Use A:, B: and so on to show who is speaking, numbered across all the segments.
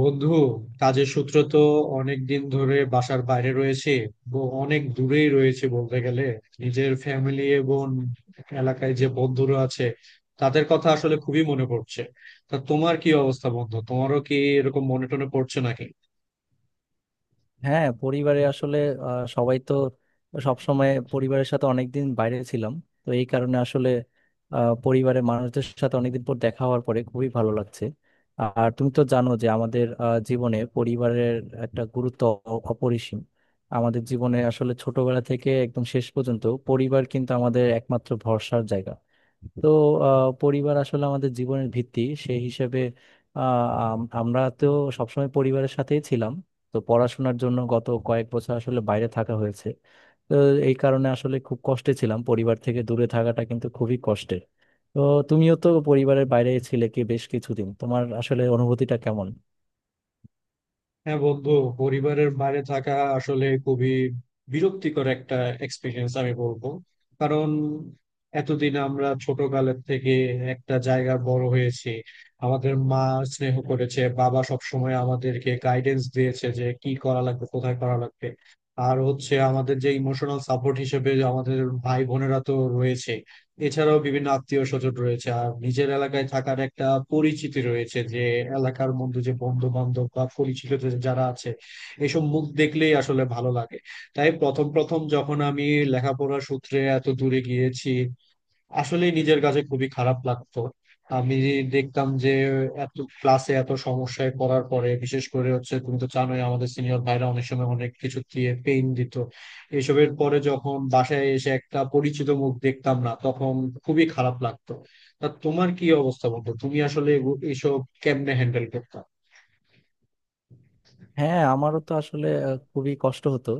A: বন্ধু কাজের সূত্র তো অনেক দিন ধরে বাসার বাইরে রয়েছে। অনেক দূরেই রয়েছে বলতে গেলে। নিজের ফ্যামিলি এবং এলাকায় যে বন্ধুরা আছে, তাদের কথা আসলে খুবই মনে পড়ছে। তা তোমার কি অবস্থা বন্ধু, তোমারও কি এরকম মনে টনে পড়ছে নাকি?
B: হ্যাঁ, পরিবারে আসলে সবাই তো সবসময় পরিবারের সাথে অনেকদিন বাইরে ছিলাম। তো এই কারণে আসলে পরিবারের মানুষদের সাথে অনেকদিন পর দেখা হওয়ার পরে খুবই ভালো লাগছে। আর তুমি তো জানো যে আমাদের জীবনে পরিবারের একটা গুরুত্ব অপরিসীম। আমাদের জীবনে আসলে ছোটবেলা থেকে একদম শেষ পর্যন্ত পরিবার কিন্তু আমাদের একমাত্র ভরসার জায়গা। তো পরিবার আসলে আমাদের জীবনের ভিত্তি। সেই হিসেবে আমরা তো সবসময় পরিবারের সাথেই ছিলাম। তো পড়াশোনার জন্য গত কয়েক বছর আসলে বাইরে থাকা হয়েছে। তো এই কারণে আসলে খুব কষ্টে ছিলাম, পরিবার থেকে দূরে থাকাটা কিন্তু খুবই কষ্টের। তো তুমিও তো পরিবারের বাইরে ছিলে কি বেশ কিছুদিন, তোমার আসলে অনুভূতিটা কেমন?
A: হ্যাঁ বন্ধু, পরিবারের বাইরে থাকা আসলে খুবই বিরক্তিকর একটা এক্সপিরিয়েন্স আমি বলবো। কারণ এতদিন আমরা ছোটকালের থেকে একটা জায়গায় বড় হয়েছি। আমাদের মা স্নেহ করেছে, বাবা সবসময় আমাদেরকে গাইডেন্স দিয়েছে যে কি করা লাগবে কোথায় করা লাগবে। আর হচ্ছে আমাদের যে ইমোশনাল সাপোর্ট হিসেবে আমাদের ভাই বোনেরা তো রয়েছে, এছাড়াও বিভিন্ন আত্মীয় স্বজন রয়েছে। আর নিজের এলাকায় থাকার একটা পরিচিতি রয়েছে যে এলাকার মধ্যে যে বন্ধু বান্ধব বা পরিচিত যারা আছে, এসব মুখ দেখলেই আসলে ভালো লাগে। তাই প্রথম প্রথম যখন আমি লেখাপড়া সূত্রে এত দূরে গিয়েছি, আসলে নিজের কাছে খুবই খারাপ লাগতো। আমি দেখতাম যে এত ক্লাসে এত সমস্যায় পড়ার পরে বিশেষ করে হচ্ছে তুমি তো জানোই আমাদের সিনিয়র ভাইরা অনেক সময় অনেক কিছু দিয়ে পেইন দিত। এসবের পরে যখন বাসায় এসে একটা পরিচিত মুখ দেখতাম না, তখন খুবই খারাপ লাগতো। তা তোমার কি অবস্থা বন্ধু, তুমি আসলে এসব কেমনে হ্যান্ডেল করতে?
B: হ্যাঁ, আমারও তো আসলে খুবই কষ্ট হতো।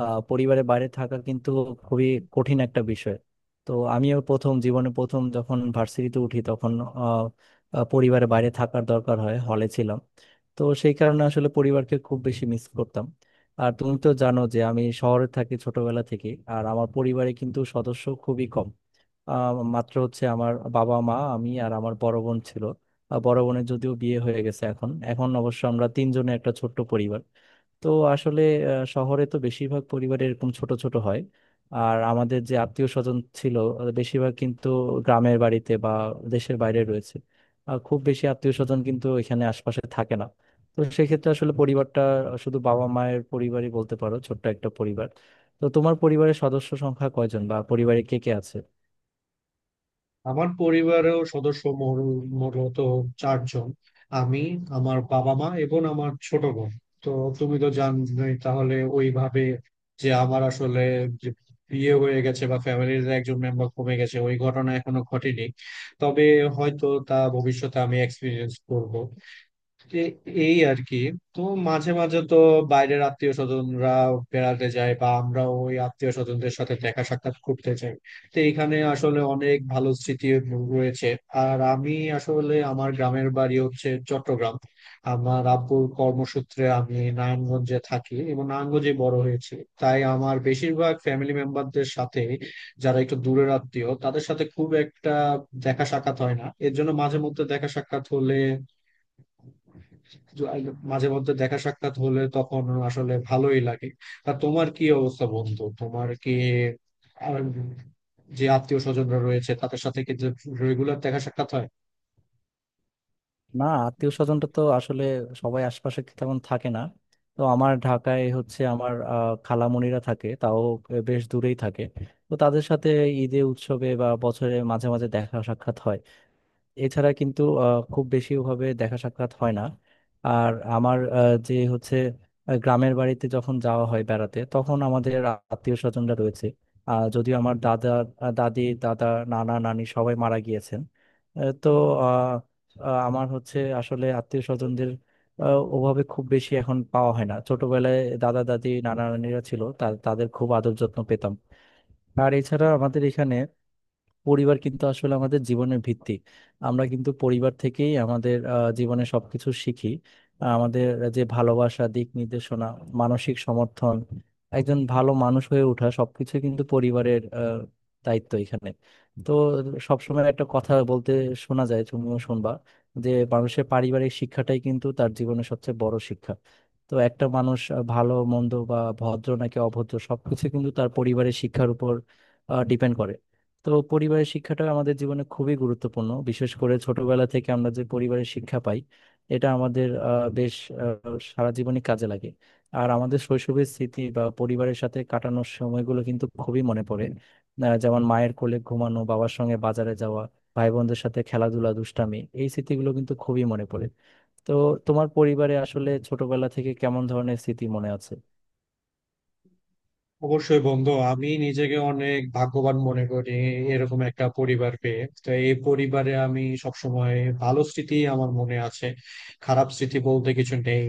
B: পরিবারের বাইরে থাকা কিন্তু খুবই কঠিন একটা বিষয়। তো আমিও প্রথম জীবনে প্রথম যখন ভার্সিটিতে উঠি তখন আহ, আহ, পরিবারের বাইরে থাকার দরকার হয়, হলে ছিলাম। তো সেই কারণে আসলে পরিবারকে খুব বেশি মিস করতাম। আর তুমি তো জানো যে আমি শহরে থাকি ছোটবেলা থেকে। আর আমার পরিবারে কিন্তু সদস্য খুবই কম। মাত্র হচ্ছে আমার বাবা, মা, আমি আর আমার বড় বোন ছিল। বড় বোনের যদিও বিয়ে হয়ে গেছে, এখন এখন অবশ্য আমরা তিনজনে একটা ছোট্ট পরিবার। তো আসলে শহরে তো বেশিরভাগ পরিবার এরকম ছোট ছোট হয়। আর আমাদের যে আত্মীয় স্বজন ছিল বেশিরভাগ কিন্তু গ্রামের বাড়িতে বা দেশের বাইরে রয়েছে। আর খুব বেশি আত্মীয় স্বজন কিন্তু এখানে আশপাশে থাকে না। তো সেক্ষেত্রে আসলে পরিবারটা শুধু বাবা মায়ের পরিবারই বলতে পারো, ছোট্ট একটা পরিবার। তো তোমার পরিবারের সদস্য সংখ্যা কয়জন বা পরিবারে কে কে আছে?
A: আমার পরিবারেও সদস্য মোট চারজন। আমি, আমার বাবা মা এবং আমার ছোট বোন। তো তুমি তো জানোই তাহলে ওইভাবে যে আমার আসলে যে বিয়ে হয়ে গেছে বা ফ্যামিলির একজন মেম্বার কমে গেছে ওই ঘটনা এখনো ঘটেনি। তবে হয়তো তা ভবিষ্যতে আমি এক্সপিরিয়েন্স করব। এ- এই আর কি। তো মাঝে মাঝে তো বাইরের আত্মীয় স্বজনরা বেড়াতে যায় বা আমরা ওই আত্মীয় স্বজনদের সাথে দেখা সাক্ষাৎ করতে যাই। তো এখানে আসলে অনেক ভালো স্মৃতি রয়েছে। আর আমি আসলে আমার গ্রামের বাড়ি হচ্ছে চট্টগ্রাম। আমার আব্বুর কর্মসূত্রে আমি নারায়ণগঞ্জে থাকি এবং নারায়ণগঞ্জে বড় হয়েছি। তাই আমার বেশিরভাগ ফ্যামিলি মেম্বারদের সাথে, যারা একটু দূরের আত্মীয় তাদের সাথে খুব একটা দেখা সাক্ষাৎ হয় না। এর জন্য মাঝে মধ্যে দেখা সাক্ষাৎ হলে তখন আসলে ভালোই লাগে। তা তোমার কি অবস্থা বন্ধু, তোমার কি আর যে আত্মীয় স্বজনরা রয়েছে তাদের সাথে কি রেগুলার দেখা সাক্ষাৎ হয়?
B: না, আত্মীয় স্বজনটা তো আসলে সবাই আশপাশে তেমন থাকে না। তো আমার ঢাকায় হচ্ছে আমার খালামণিরা থাকে, তাও বেশ দূরেই থাকে। তো তাদের সাথে ঈদে উৎসবে বা বছরে মাঝে মাঝে দেখা সাক্ষাৎ হয়। এছাড়া কিন্তু খুব বেশি ওভাবে দেখা সাক্ষাৎ হয় না। আর আমার যে হচ্ছে গ্রামের বাড়িতে যখন যাওয়া হয় বেড়াতে তখন আমাদের আত্মীয় স্বজনরা রয়েছে। যদিও আমার দাদা দাদি, দাদা, নানা, নানি সবাই মারা গিয়েছেন। আহ, তো আহ, আহ, আমার হচ্ছে আসলে আত্মীয় স্বজনদের ওভাবে খুব বেশি এখন পাওয়া হয় না। ছোটবেলায় দাদা দাদি নানা নানিরা ছিল, তাদের খুব আদর যত্ন পেতাম। আর এছাড়া আমাদের এখানে পরিবার কিন্তু আসলে আমাদের জীবনের ভিত্তি। আমরা কিন্তু পরিবার থেকেই আমাদের জীবনে সবকিছু শিখি। আমাদের যে ভালোবাসা, দিক নির্দেশনা, মানসিক সমর্থন, একজন ভালো মানুষ হয়ে ওঠা, সবকিছু কিন্তু পরিবারের দায়িত্ব এখানে। তো সবসময় একটা কথা বলতে শোনা যায়, তুমিও শুনবা, যে মানুষের পারিবারিক শিক্ষাটাই কিন্তু তার জীবনের সবচেয়ে বড় শিক্ষা। তো একটা মানুষ ভালো মন্দ বা ভদ্র নাকি অভদ্র সবকিছু কিন্তু তার পরিবারের শিক্ষার উপর ডিপেন্ড করে। তো পরিবারের শিক্ষাটা আমাদের জীবনে খুবই গুরুত্বপূর্ণ, বিশেষ করে ছোটবেলা থেকে আমরা যে পরিবারের শিক্ষা পাই এটা আমাদের আহ, সারা জীবনই কাজে লাগে। আর আমাদের শৈশবের স্মৃতি বা পরিবারের সাথে কাটানোর সময়গুলো কিন্তু খুবই মনে পড়ে। যেমন মায়ের কোলে ঘুমানো, বাবার সঙ্গে বাজারে যাওয়া, ভাই বোনদের সাথে খেলাধুলা, দুষ্টামি, এই স্মৃতিগুলো কিন্তু খুবই মনে পড়ে। তো তোমার পরিবারে আসলে ছোটবেলা থেকে কেমন ধরনের স্মৃতি মনে আছে?
A: অবশ্যই বন্ধু, আমি নিজেকে অনেক ভাগ্যবান মনে করি এরকম একটা পরিবার পেয়ে। তো এই পরিবারে আমি সবসময় ভালো স্মৃতি আমার মনে আছে, খারাপ স্মৃতি বলতে কিছু নেই।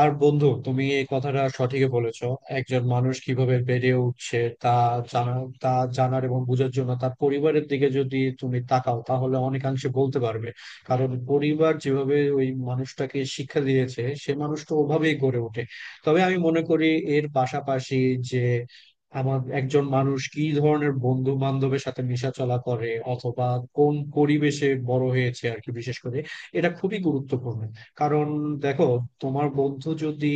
A: আর বন্ধু তুমি এই কথাটা সঠিকই বলেছো। একজন মানুষ কিভাবে বেড়ে উঠছে তা জানা তা জানার এবং বোঝার জন্য তার পরিবারের দিকে যদি তুমি তাকাও তাহলে অনেকাংশে বলতে পারবে। কারণ পরিবার যেভাবে ওই মানুষটাকে শিক্ষা দিয়েছে সে মানুষটা ওভাবেই গড়ে ওঠে। তবে আমি মনে করি এর পাশাপাশি যে আমার একজন মানুষ কি ধরনের বন্ধু বান্ধবের সাথে মেশা চলা করে অথবা কোন পরিবেশে বড় হয়েছে আর কি, বিশেষ করে এটা খুবই গুরুত্বপূর্ণ। কারণ দেখো, তোমার বন্ধু যদি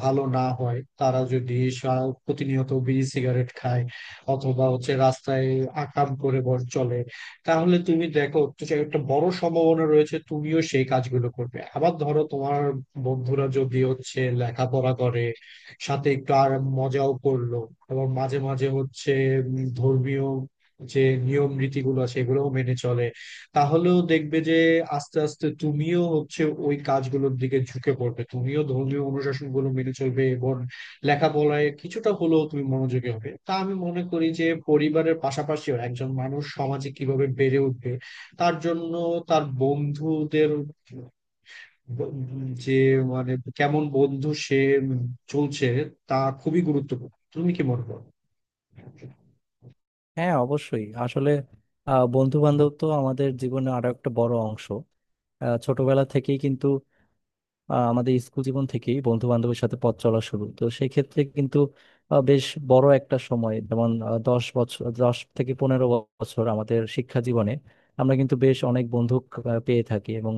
A: ভালো না হয়, তারা যদি প্রতিনিয়ত বিড়ি সিগারেট খায় অথবা হচ্ছে রাস্তায় আকাম করে বর চলে, তাহলে তুমি দেখো যে একটা বড় সম্ভাবনা রয়েছে তুমিও সেই কাজগুলো করবে। আবার ধরো তোমার বন্ধুরা যদি হচ্ছে লেখাপড়া করে, সাথে একটু আর মজাও করলো এবং মাঝে মাঝে হচ্ছে ধর্মীয় যে নিয়ম নীতিগুলো আছে এগুলোও মেনে চলে, তাহলেও দেখবে যে আস্তে আস্তে তুমিও হচ্ছে ওই কাজগুলোর দিকে ঝুঁকে পড়বে, তুমিও ধর্মীয় অনুশাসন গুলো মেনে চলবে এবং লেখাপড়ায় কিছুটা হলেও তুমি মনোযোগী হবে। তা আমি মনে করি যে পরিবারের পাশাপাশিও একজন মানুষ সমাজে কিভাবে বেড়ে উঠবে তার জন্য তার বন্ধুদের ব- যে মানে কেমন বন্ধু সে চলছে তা খুবই গুরুত্বপূর্ণ। তুমি কি মনে করো?
B: হ্যাঁ, অবশ্যই। আসলে বন্ধু বান্ধব তো আমাদের জীবনে আরো একটা বড় অংশ। ছোটবেলা থেকেই কিন্তু আমাদের স্কুল জীবন থেকেই বন্ধু বান্ধবের সাথে পথ চলা শুরু। তো সেই ক্ষেত্রে কিন্তু বেশ বড় একটা সময়, যেমন 10 বছর, 10 থেকে 15 বছর আমাদের শিক্ষা জীবনে আমরা কিন্তু বেশ অনেক বন্ধু পেয়ে থাকি এবং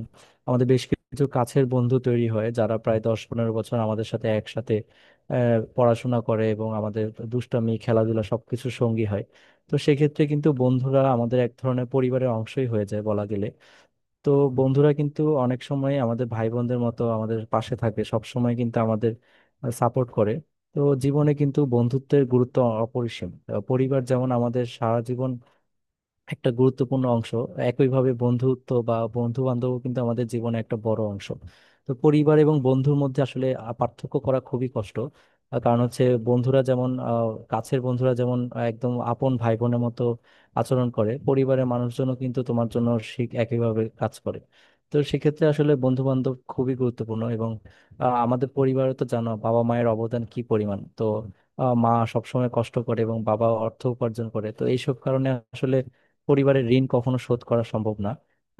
B: আমাদের বেশ কিছু কাছের বন্ধু তৈরি হয় যারা প্রায় 10-15 বছর আমাদের সাথে একসাথে পড়াশোনা করে এবং আমাদের দুষ্টামি, খেলাধুলা সবকিছু সঙ্গী হয়। তো সেক্ষেত্রে কিন্তু বন্ধুরা আমাদের এক ধরনের পরিবারের অংশই হয়ে যায় বলা গেলে। তো বন্ধুরা কিন্তু অনেক সময় আমাদের ভাই বোনদের মতো আমাদের পাশে থাকে, সব সময় কিন্তু আমাদের সাপোর্ট করে। তো জীবনে কিন্তু বন্ধুত্বের গুরুত্ব অপরিসীম। পরিবার যেমন আমাদের সারা জীবন একটা গুরুত্বপূর্ণ অংশ, একইভাবে বন্ধুত্ব বা বন্ধু বান্ধব কিন্তু আমাদের জীবনে একটা বড় অংশ। তো পরিবার এবং বন্ধুর মধ্যে আসলে পার্থক্য করা খুবই কষ্ট। কারণ হচ্ছে বন্ধুরা যেমন কাছের বন্ধুরা যেমন একদম আপন ভাই বোনের মতো আচরণ করে, পরিবারের মানুষজনও কিন্তু তোমার জন্য ঠিক একইভাবে কাজ করে। তো সেক্ষেত্রে আসলে বন্ধু বান্ধব খুবই গুরুত্বপূর্ণ। এবং আমাদের পরিবারে তো জানো বাবা মায়ের অবদান কি পরিমাণ। তো মা সবসময় কষ্ট করে এবং বাবা অর্থ উপার্জন করে। তো এইসব কারণে আসলে পরিবারের ঋণ কখনো শোধ করা সম্ভব না।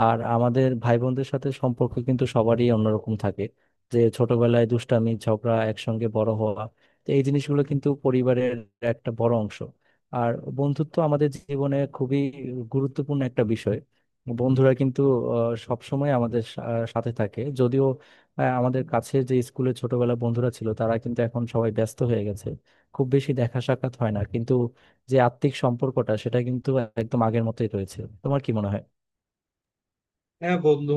B: আর আমাদের ভাই বোনদের সাথে সম্পর্ক কিন্তু সবারই অন্যরকম থাকে, যে ছোটবেলায় দুষ্টামি, ঝগড়া, একসঙ্গে বড় হওয়া। তো এই জিনিসগুলো কিন্তু পরিবারের একটা বড় অংশ। আর বন্ধুত্ব আমাদের জীবনে খুবই গুরুত্বপূর্ণ একটা বিষয়। বন্ধুরা কিন্তু সব সময় আমাদের সাথে থাকে, যদিও আমাদের কাছে যে স্কুলে ছোটবেলা বন্ধুরা ছিল তারা কিন্তু এখন সবাই ব্যস্ত হয়ে গেছে, খুব বেশি দেখা সাক্ষাৎ হয় না। কিন্তু যে আত্মিক সম্পর্কটা সেটা কিন্তু একদম আগের মতোই রয়েছে। তোমার কি মনে হয়?
A: হ্যাঁ বন্ধু,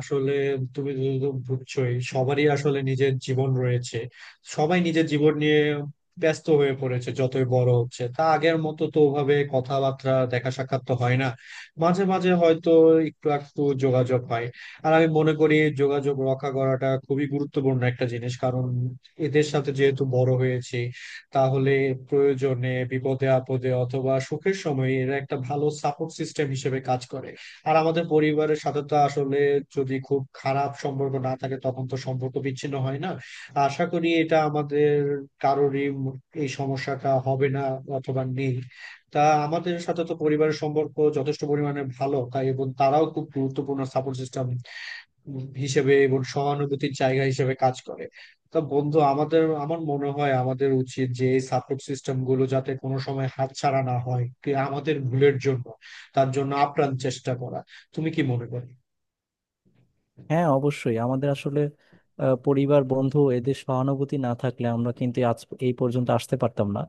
A: আসলে তুমি তো বুঝছোই সবারই আসলে নিজের জীবন রয়েছে, সবাই নিজের জীবন নিয়ে ব্যস্ত হয়ে পড়েছে যতই বড় হচ্ছে। তা আগের মতো তো ওভাবে কথাবার্তা দেখা সাক্ষাৎ তো হয় না, মাঝে মাঝে হয়তো একটু একটু যোগাযোগ হয়। আর আমি মনে করি যোগাযোগ রক্ষা করাটা খুবই গুরুত্বপূর্ণ একটা জিনিস, কারণ এদের সাথে যেহেতু বড় হয়েছি তাহলে প্রয়োজনে বিপদে আপদে অথবা সুখের সময় এরা একটা ভালো সাপোর্ট সিস্টেম হিসেবে কাজ করে। আর আমাদের পরিবারের সাথে তো আসলে যদি খুব খারাপ সম্পর্ক না থাকে তখন তো সম্পর্ক বিচ্ছিন্ন হয় না। আশা করি এটা আমাদের কারোরই এই সমস্যাটা হবে না অথবা নেই। তা আমাদের সাথে তো পরিবারের সম্পর্ক যথেষ্ট পরিমাণে ভালো, তাই এবং তারাও খুব গুরুত্বপূর্ণ সাপোর্ট সিস্টেম হিসেবে এবং সহানুভূতির জায়গা হিসেবে কাজ করে। তা বন্ধু আমাদের, আমার মনে হয় আমাদের উচিত যে এই সাপোর্ট সিস্টেম গুলো যাতে কোনো সময় হাতছাড়া না হয় কি আমাদের ভুলের জন্য, তার জন্য আপ্রাণ চেষ্টা করা। তুমি কি মনে করো?
B: হ্যাঁ, অবশ্যই। আমাদের আসলে পরিবার, বন্ধু, এদের সহানুভূতি না থাকলে আমরা কিন্তু আজ এই পর্যন্ত আসতে পারতাম না।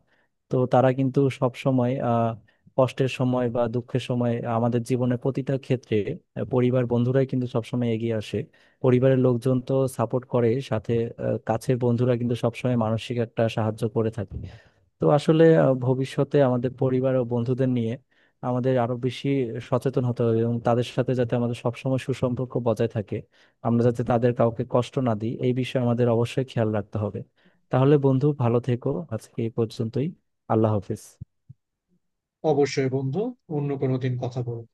B: তো তারা কিন্তু সব সময় কষ্টের সময় বা দুঃখের সময় আমাদের জীবনের প্রতিটা ক্ষেত্রে পরিবার, বন্ধুরাই কিন্তু সবসময় এগিয়ে আসে। পরিবারের লোকজন তো সাপোর্ট করে, সাথে কাছের বন্ধুরা কিন্তু সবসময় মানসিক একটা সাহায্য করে থাকে। তো আসলে ভবিষ্যতে আমাদের পরিবার ও বন্ধুদের নিয়ে আমাদের আরো বেশি সচেতন হতে হবে এবং তাদের সাথে যাতে আমাদের সবসময় সুসম্পর্ক বজায় থাকে, আমরা যাতে তাদের কাউকে কষ্ট না দিই, এই বিষয়ে আমাদের অবশ্যই খেয়াল রাখতে হবে। তাহলে বন্ধু, ভালো থেকো। আজকে এই পর্যন্তই। আল্লাহ হাফেজ।
A: অবশ্যই বন্ধু, অন্য কোনো দিন কথা বলবো।